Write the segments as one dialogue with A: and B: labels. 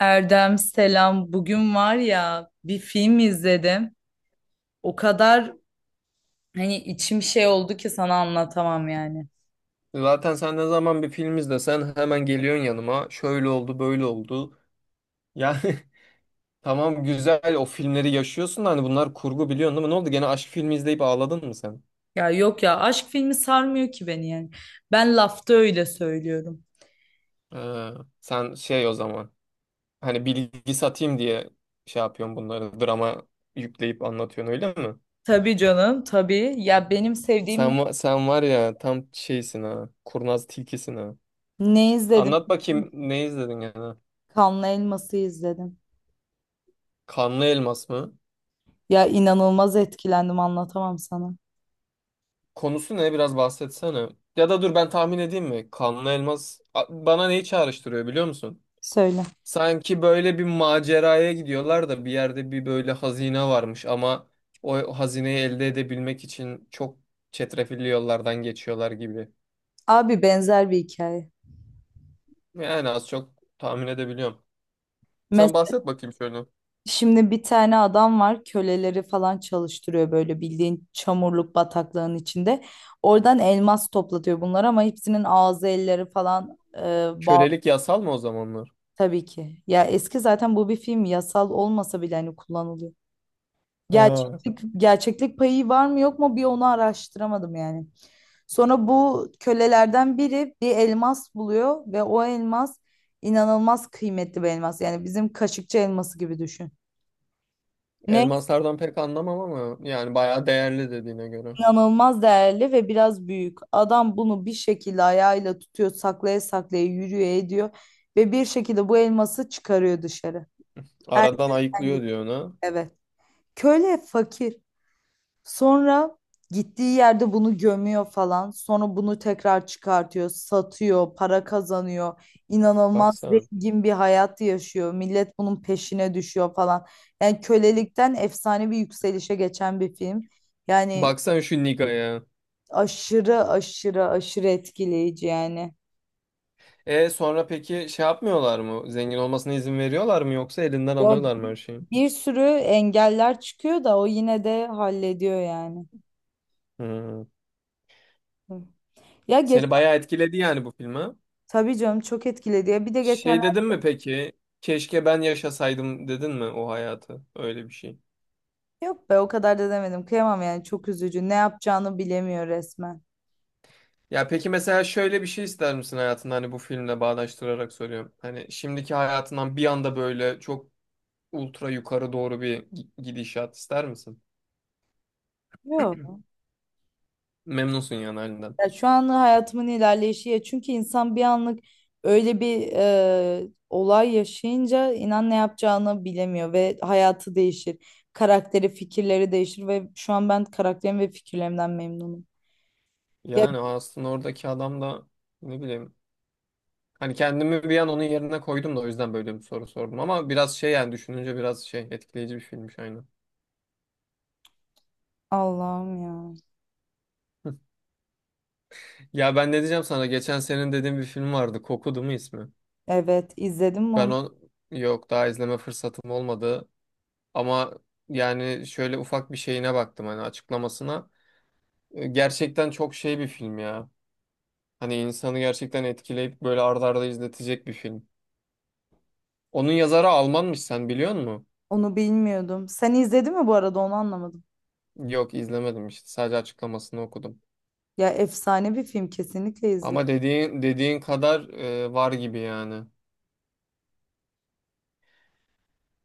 A: Erdem selam. Bugün var ya bir film izledim. O kadar hani içim şey oldu ki sana anlatamam yani.
B: Zaten sen ne zaman bir film izlesen hemen geliyorsun yanıma. Şöyle oldu, böyle oldu. Yani tamam güzel o filmleri yaşıyorsun da hani bunlar kurgu biliyorsun değil mi? Ne oldu? Gene aşk filmi izleyip ağladın mı sen?
A: Ya yok ya aşk filmi sarmıyor ki beni yani. Ben lafta öyle söylüyorum.
B: Ee, sen o zaman hani bilgi satayım diye şey yapıyorsun bunları drama yükleyip anlatıyorsun öyle mi?
A: Tabii canım tabii. Ya benim sevdiğim
B: Sen var ya tam şeysin ha. Kurnaz tilkisin ha.
A: ne izledim?
B: Anlat bakayım ne izledin yani?
A: Kanlı Elmas'ı izledim.
B: Kanlı Elmas mı?
A: Ya inanılmaz etkilendim anlatamam sana.
B: Konusu ne? Biraz bahsetsene. Ya da dur ben tahmin edeyim mi? Bana neyi çağrıştırıyor biliyor musun?
A: Söyle.
B: Sanki böyle bir maceraya gidiyorlar da bir yerde bir böyle hazine varmış ama o hazineyi elde edebilmek için çok çetrefilli yollardan geçiyorlar gibi.
A: Abi benzer bir hikaye.
B: Yani az çok tahmin edebiliyorum. Sen bahset bakayım şöyle.
A: Şimdi bir tane adam var köleleri falan çalıştırıyor böyle bildiğin çamurluk bataklığın içinde. Oradan elmas toplatıyor bunlar ama hepsinin ağzı elleri falan bağlı
B: Kölelik yasal mı o zamanlar?
A: tabii ki. Ya eski zaten bu bir film yasal olmasa bile hani kullanılıyor.
B: Ha,
A: Gerçeklik payı var mı yok mu bir onu araştıramadım yani. Sonra bu kölelerden biri bir elmas buluyor ve o elmas inanılmaz kıymetli bir elmas. Yani bizim kaşıkçı elması gibi düşün. Ne
B: elmaslardan pek anlamam ama yani bayağı değerli dediğine göre.
A: inanılmaz değerli ve biraz büyük. Adam bunu bir şekilde ayağıyla tutuyor, saklaya saklaya yürüyor ediyor ve bir şekilde bu elması çıkarıyor dışarı.
B: Aradan
A: Herkesten
B: ayıklıyor
A: gidiyor.
B: diyor ona.
A: Evet. Köle fakir. Sonra gittiği yerde bunu gömüyor falan. Sonra bunu tekrar çıkartıyor, satıyor, para kazanıyor. İnanılmaz
B: Baksana.
A: zengin bir hayat yaşıyor. Millet bunun peşine düşüyor falan. Yani kölelikten efsane bir yükselişe geçen bir film. Yani
B: Baksan şu Niga'ya.
A: aşırı aşırı aşırı etkileyici yani.
B: E sonra peki şey yapmıyorlar mı? Zengin olmasına izin veriyorlar mı yoksa elinden
A: Ya
B: alıyorlar mı her şeyi?
A: bir sürü engeller çıkıyor da o yine de hallediyor yani.
B: Hmm.
A: Hı. Ya geç
B: Seni bayağı etkiledi yani bu filme.
A: Tabii canım çok etkiledi ya. Bir de
B: Şey
A: geçenlerde
B: dedin mi peki? Keşke ben yaşasaydım dedin mi o hayatı? Öyle bir şey.
A: yok be o kadar da demedim. Kıyamam yani çok üzücü. Ne yapacağını bilemiyor resmen.
B: Ya peki mesela şöyle bir şey ister misin hayatında hani bu filmle bağdaştırarak soruyorum. Hani şimdiki hayatından bir anda böyle çok ultra yukarı doğru bir gidişat ister misin?
A: Yok.
B: Memnunsun yani halinden.
A: Ya şu an hayatımın ilerleyişi ya çünkü insan bir anlık öyle bir olay yaşayınca inan ne yapacağını bilemiyor ve hayatı değişir. Karakteri, fikirleri değişir ve şu an ben karakterim ve fikirlerimden memnunum. Ya
B: Yani aslında oradaki adam da ne bileyim. Hani kendimi bir an onun yerine koydum da o yüzden böyle bir soru sordum. Ama biraz yani düşününce biraz şey etkileyici bir filmmiş aynen.
A: Allah'ım ya.
B: Ya ben ne diyeceğim sana? Geçen senin dediğin bir film vardı. Kokudu mu ismi?
A: Evet izledim mi
B: Ben
A: onu?
B: o yok daha izleme fırsatım olmadı. Ama yani şöyle ufak bir şeyine baktım hani açıklamasına. Gerçekten çok şey bir film ya. Hani insanı gerçekten etkileyip böyle arda arda izletecek bir film. Onun yazarı Almanmış sen biliyor musun?
A: Onu bilmiyordum. Sen izledin mi bu arada onu anlamadım.
B: Yok izlemedim işte sadece açıklamasını okudum.
A: Ya efsane bir film kesinlikle izle.
B: Ama dediğin kadar var gibi yani.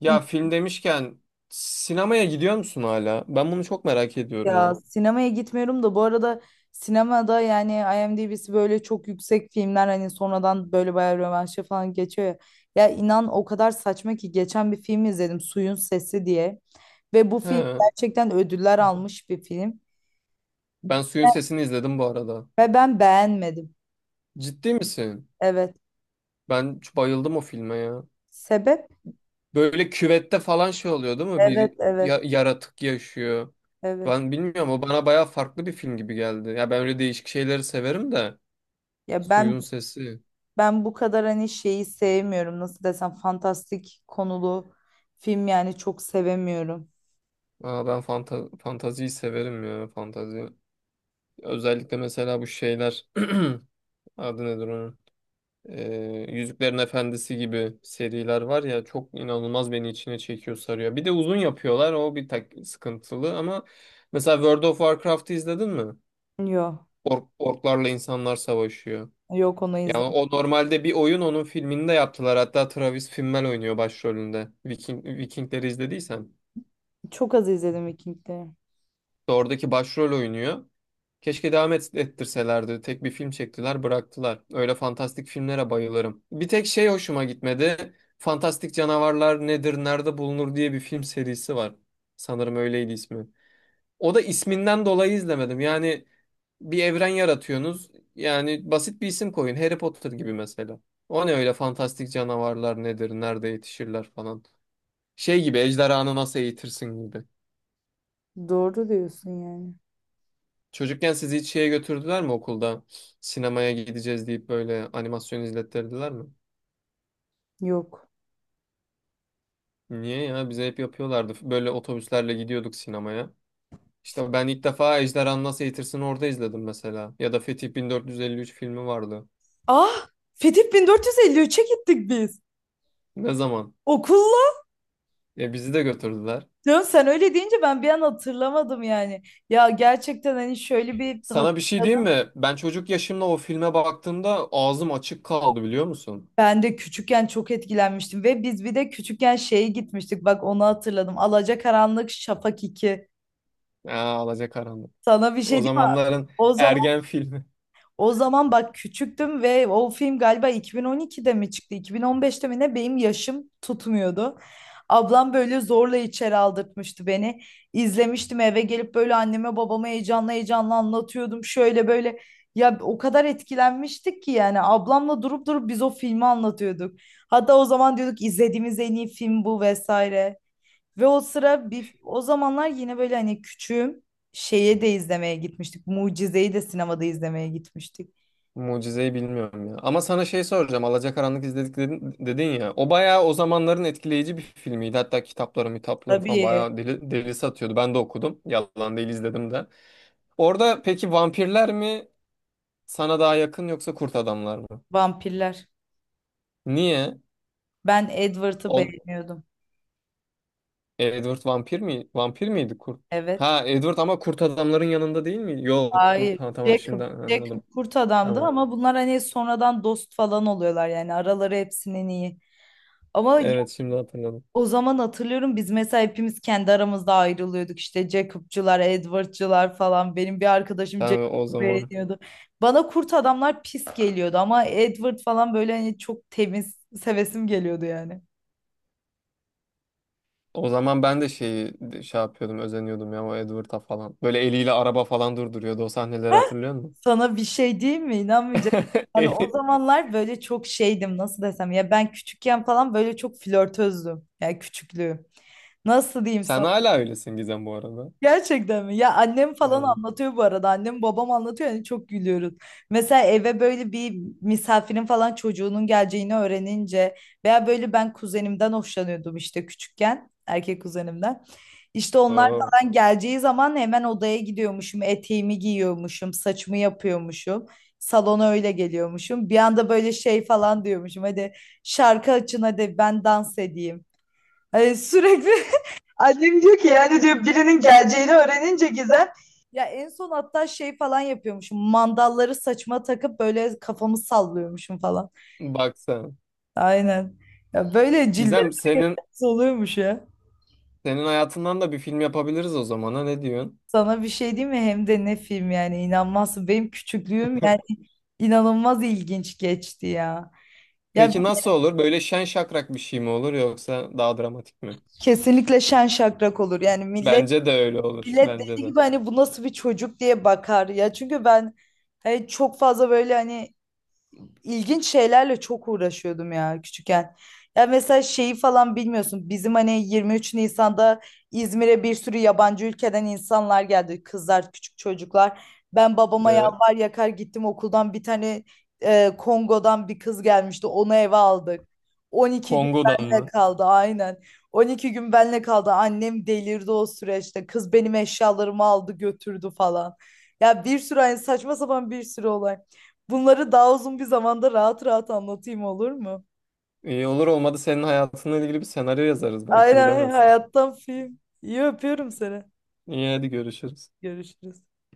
B: Ya film demişken sinemaya gidiyor musun hala? Ben bunu çok merak ediyorum
A: Ya
B: ha.
A: sinemaya gitmiyorum da bu arada sinemada yani IMDb'si böyle çok yüksek filmler hani sonradan böyle bayağı rövanşa falan geçiyor ya. Ya inan o kadar saçma ki geçen bir film izledim Suyun Sesi diye. Ve bu film
B: He,
A: gerçekten ödüller almış bir film.
B: ben Suyun Sesini izledim bu arada.
A: Ve ben beğenmedim.
B: Ciddi misin?
A: Evet.
B: Ben çok bayıldım o filme ya.
A: Sebep?
B: Böyle küvette falan şey oluyor değil mi?
A: Evet,
B: Bir
A: evet,
B: yaratık yaşıyor.
A: evet.
B: Ben bilmiyorum o bana bayağı farklı bir film gibi geldi. Ya ben öyle değişik şeyleri severim de.
A: Ya ben
B: Suyun Sesi.
A: ben bu kadar hani şeyi sevmiyorum. Nasıl desem fantastik konulu film yani çok sevemiyorum.
B: Aa, ben fantaziyi severim ya fantazi. Özellikle mesela bu şeyler. Adı nedir onun? Yüzüklerin Efendisi gibi seriler var ya çok inanılmaz beni içine çekiyor sarıyor. Bir de uzun yapıyorlar o bir tak sıkıntılı ama mesela World of Warcraft'ı izledin mi?
A: Yok.
B: Orklarla insanlar savaşıyor.
A: Yok onu
B: Yani
A: izlemedim.
B: o normalde bir oyun onun filmini de yaptılar. Hatta Travis Fimmel oynuyor başrolünde. Vikingleri izlediysen.
A: Çok az izledim Vikingleri.
B: İşte oradaki başrol oynuyor. Keşke ettirselerdi. Tek bir film çektiler, bıraktılar. Öyle fantastik filmlere bayılırım. Bir tek şey hoşuma gitmedi. Fantastik Canavarlar Nedir, Nerede Bulunur diye bir film serisi var. Sanırım öyleydi ismi. O da isminden dolayı izlemedim. Yani bir evren yaratıyorsunuz. Yani basit bir isim koyun. Harry Potter gibi mesela. O ne öyle fantastik canavarlar nedir, nerede yetişirler falan. Şey gibi ejderhanı nasıl eğitirsin gibi.
A: Doğru diyorsun yani.
B: Çocukken sizi hiç şeye götürdüler mi okulda? Sinemaya gideceğiz deyip böyle animasyon izlettirdiler mi?
A: Yok.
B: Niye ya? Bize hep yapıyorlardı. Böyle otobüslerle gidiyorduk sinemaya. İşte ben ilk defa Ejderhanı Nasıl Eğitirsin'i orada izledim mesela. Ya da Fetih 1453 filmi vardı.
A: Ah, Fetih 1453'e gittik biz.
B: Ne zaman?
A: Okulla.
B: Ya bizi de götürdüler.
A: Ya sen öyle deyince ben bir an hatırlamadım yani. Ya gerçekten hani şöyle bir
B: Sana bir şey diyeyim
A: hatırladım.
B: mi? Ben çocuk yaşımda o filme baktığımda ağzım açık kaldı biliyor musun?
A: Ben de küçükken çok etkilenmiştim ve biz bir de küçükken şeye gitmiştik. Bak onu hatırladım. Alacakaranlık Şafak 2.
B: Aa, alacakaranlık.
A: Sana bir şey
B: O
A: diyeyim mi?
B: zamanların
A: O zaman
B: ergen filmi.
A: o zaman bak küçüktüm ve o film galiba 2012'de mi çıktı? 2015'te mi ne? Benim yaşım tutmuyordu. Ablam böyle zorla içeri aldırtmıştı beni. İzlemiştim eve gelip böyle anneme babama heyecanla heyecanla anlatıyordum. Şöyle böyle ya o kadar etkilenmiştik ki yani ablamla durup durup biz o filmi anlatıyorduk. Hatta o zaman diyorduk izlediğimiz en iyi film bu vesaire. Ve o sıra bir o zamanlar yine böyle hani küçüğüm şeye de izlemeye gitmiştik. Mucize'yi de sinemada izlemeye gitmiştik.
B: Mucizeyi bilmiyorum ya. Ama sana şey soracağım. Alacakaranlık dedin ya. O bayağı o zamanların etkileyici bir filmiydi. Hatta kitapları, mitapları falan
A: Tabii
B: bayağı deli satıyordu. Ben de okudum. Yalan değil izledim de. Orada peki vampirler mi sana daha yakın yoksa kurt adamlar mı?
A: vampirler.
B: Niye?
A: Ben Edward'ı
B: On,
A: beğeniyordum.
B: Edward vampir mi? Vampir miydi kurt?
A: Evet.
B: Ha Edward ama kurt adamların yanında değil mi? Yok
A: Hayır.
B: kurt. Ha tamam
A: Jacob.
B: şimdi
A: Jacob
B: anladım.
A: kurt adamdı
B: Tamam.
A: ama bunlar hani sonradan dost falan oluyorlar yani araları hepsinin iyi. Ama
B: Evet şimdi hatırladım.
A: o zaman hatırlıyorum biz mesela hepimiz kendi aramızda ayrılıyorduk işte Jacob'cular, Edward'cular falan. Benim bir arkadaşım
B: Tamam o
A: Jacob'u
B: zaman.
A: beğeniyordu. Bana kurt adamlar pis geliyordu ama Edward falan böyle hani çok temiz sevesim geliyordu yani.
B: O zaman ben de şeyi şey yapıyordum, özeniyordum ya o Edward'a falan. Böyle eliyle araba falan durduruyordu. O sahneleri hatırlıyor musun?
A: Sana bir şey diyeyim mi? İnanmayacaksın. Yani o
B: Eli-
A: zamanlar böyle çok şeydim nasıl desem ya ben küçükken falan böyle çok flörtözdüm. Yani küçüklüğüm. Nasıl diyeyim
B: Sen
A: sana?
B: hala öylesin Gizem bu arada.
A: Gerçekten mi? Ya annem falan
B: Evet.
A: anlatıyor bu arada. Annem babam anlatıyor yani çok gülüyoruz. Mesela eve böyle bir misafirin falan çocuğunun geleceğini öğrenince veya böyle ben kuzenimden hoşlanıyordum işte küçükken. Erkek kuzenimden. İşte onlar
B: Oo.
A: falan geleceği zaman hemen odaya gidiyormuşum. Eteğimi giyiyormuşum. Saçımı yapıyormuşum. Salona öyle geliyormuşum. Bir anda böyle şey falan diyormuşum. Hadi şarkı açın hadi ben dans edeyim. Hani sürekli annem diyor ki yani diyor birinin geleceğini öğrenince Gizem ya en son hatta şey falan yapıyormuşum. Mandalları saçma takıp böyle kafamı sallıyormuşum falan.
B: Bak sen.
A: Aynen. Ya böyle cilveler
B: Gizem,
A: oluyormuş ya.
B: senin hayatından da bir film yapabiliriz o zaman ha ne diyorsun?
A: Sana bir şey diyeyim mi? Hem de ne film yani inanmazsın. Benim küçüklüğüm yani inanılmaz ilginç geçti ya. Ya
B: Peki nasıl olur? Böyle şen şakrak bir şey mi olur yoksa daha dramatik mi?
A: kesinlikle şen şakrak olur. Yani millet
B: Bence de öyle olur.
A: millet
B: Bence
A: dediği
B: de.
A: gibi hani bu nasıl bir çocuk diye bakar ya. Çünkü ben hani çok fazla böyle hani ilginç şeylerle çok uğraşıyordum ya küçükken. Ya mesela şeyi falan bilmiyorsun. Bizim hani 23 Nisan'da İzmir'e bir sürü yabancı ülkeden insanlar geldi. Kızlar, küçük çocuklar. Ben babama
B: Evet.
A: yalvar yakar gittim okuldan bir tane Kongo'dan bir kız gelmişti. Onu eve aldık. 12 gün
B: Kongo'dan
A: benle
B: mı?
A: kaldı aynen. 12 gün benle kaldı. Annem delirdi o süreçte. Kız benim eşyalarımı aldı götürdü falan. Ya bir sürü hani saçma sapan bir sürü olay. Bunları daha uzun bir zamanda rahat rahat anlatayım olur mu?
B: İyi olur olmadı senin hayatınla ilgili bir senaryo yazarız belki
A: Aynen
B: bilemezsin.
A: hayattan film. İyi öpüyorum seni.
B: İyi hadi görüşürüz.
A: Görüşürüz.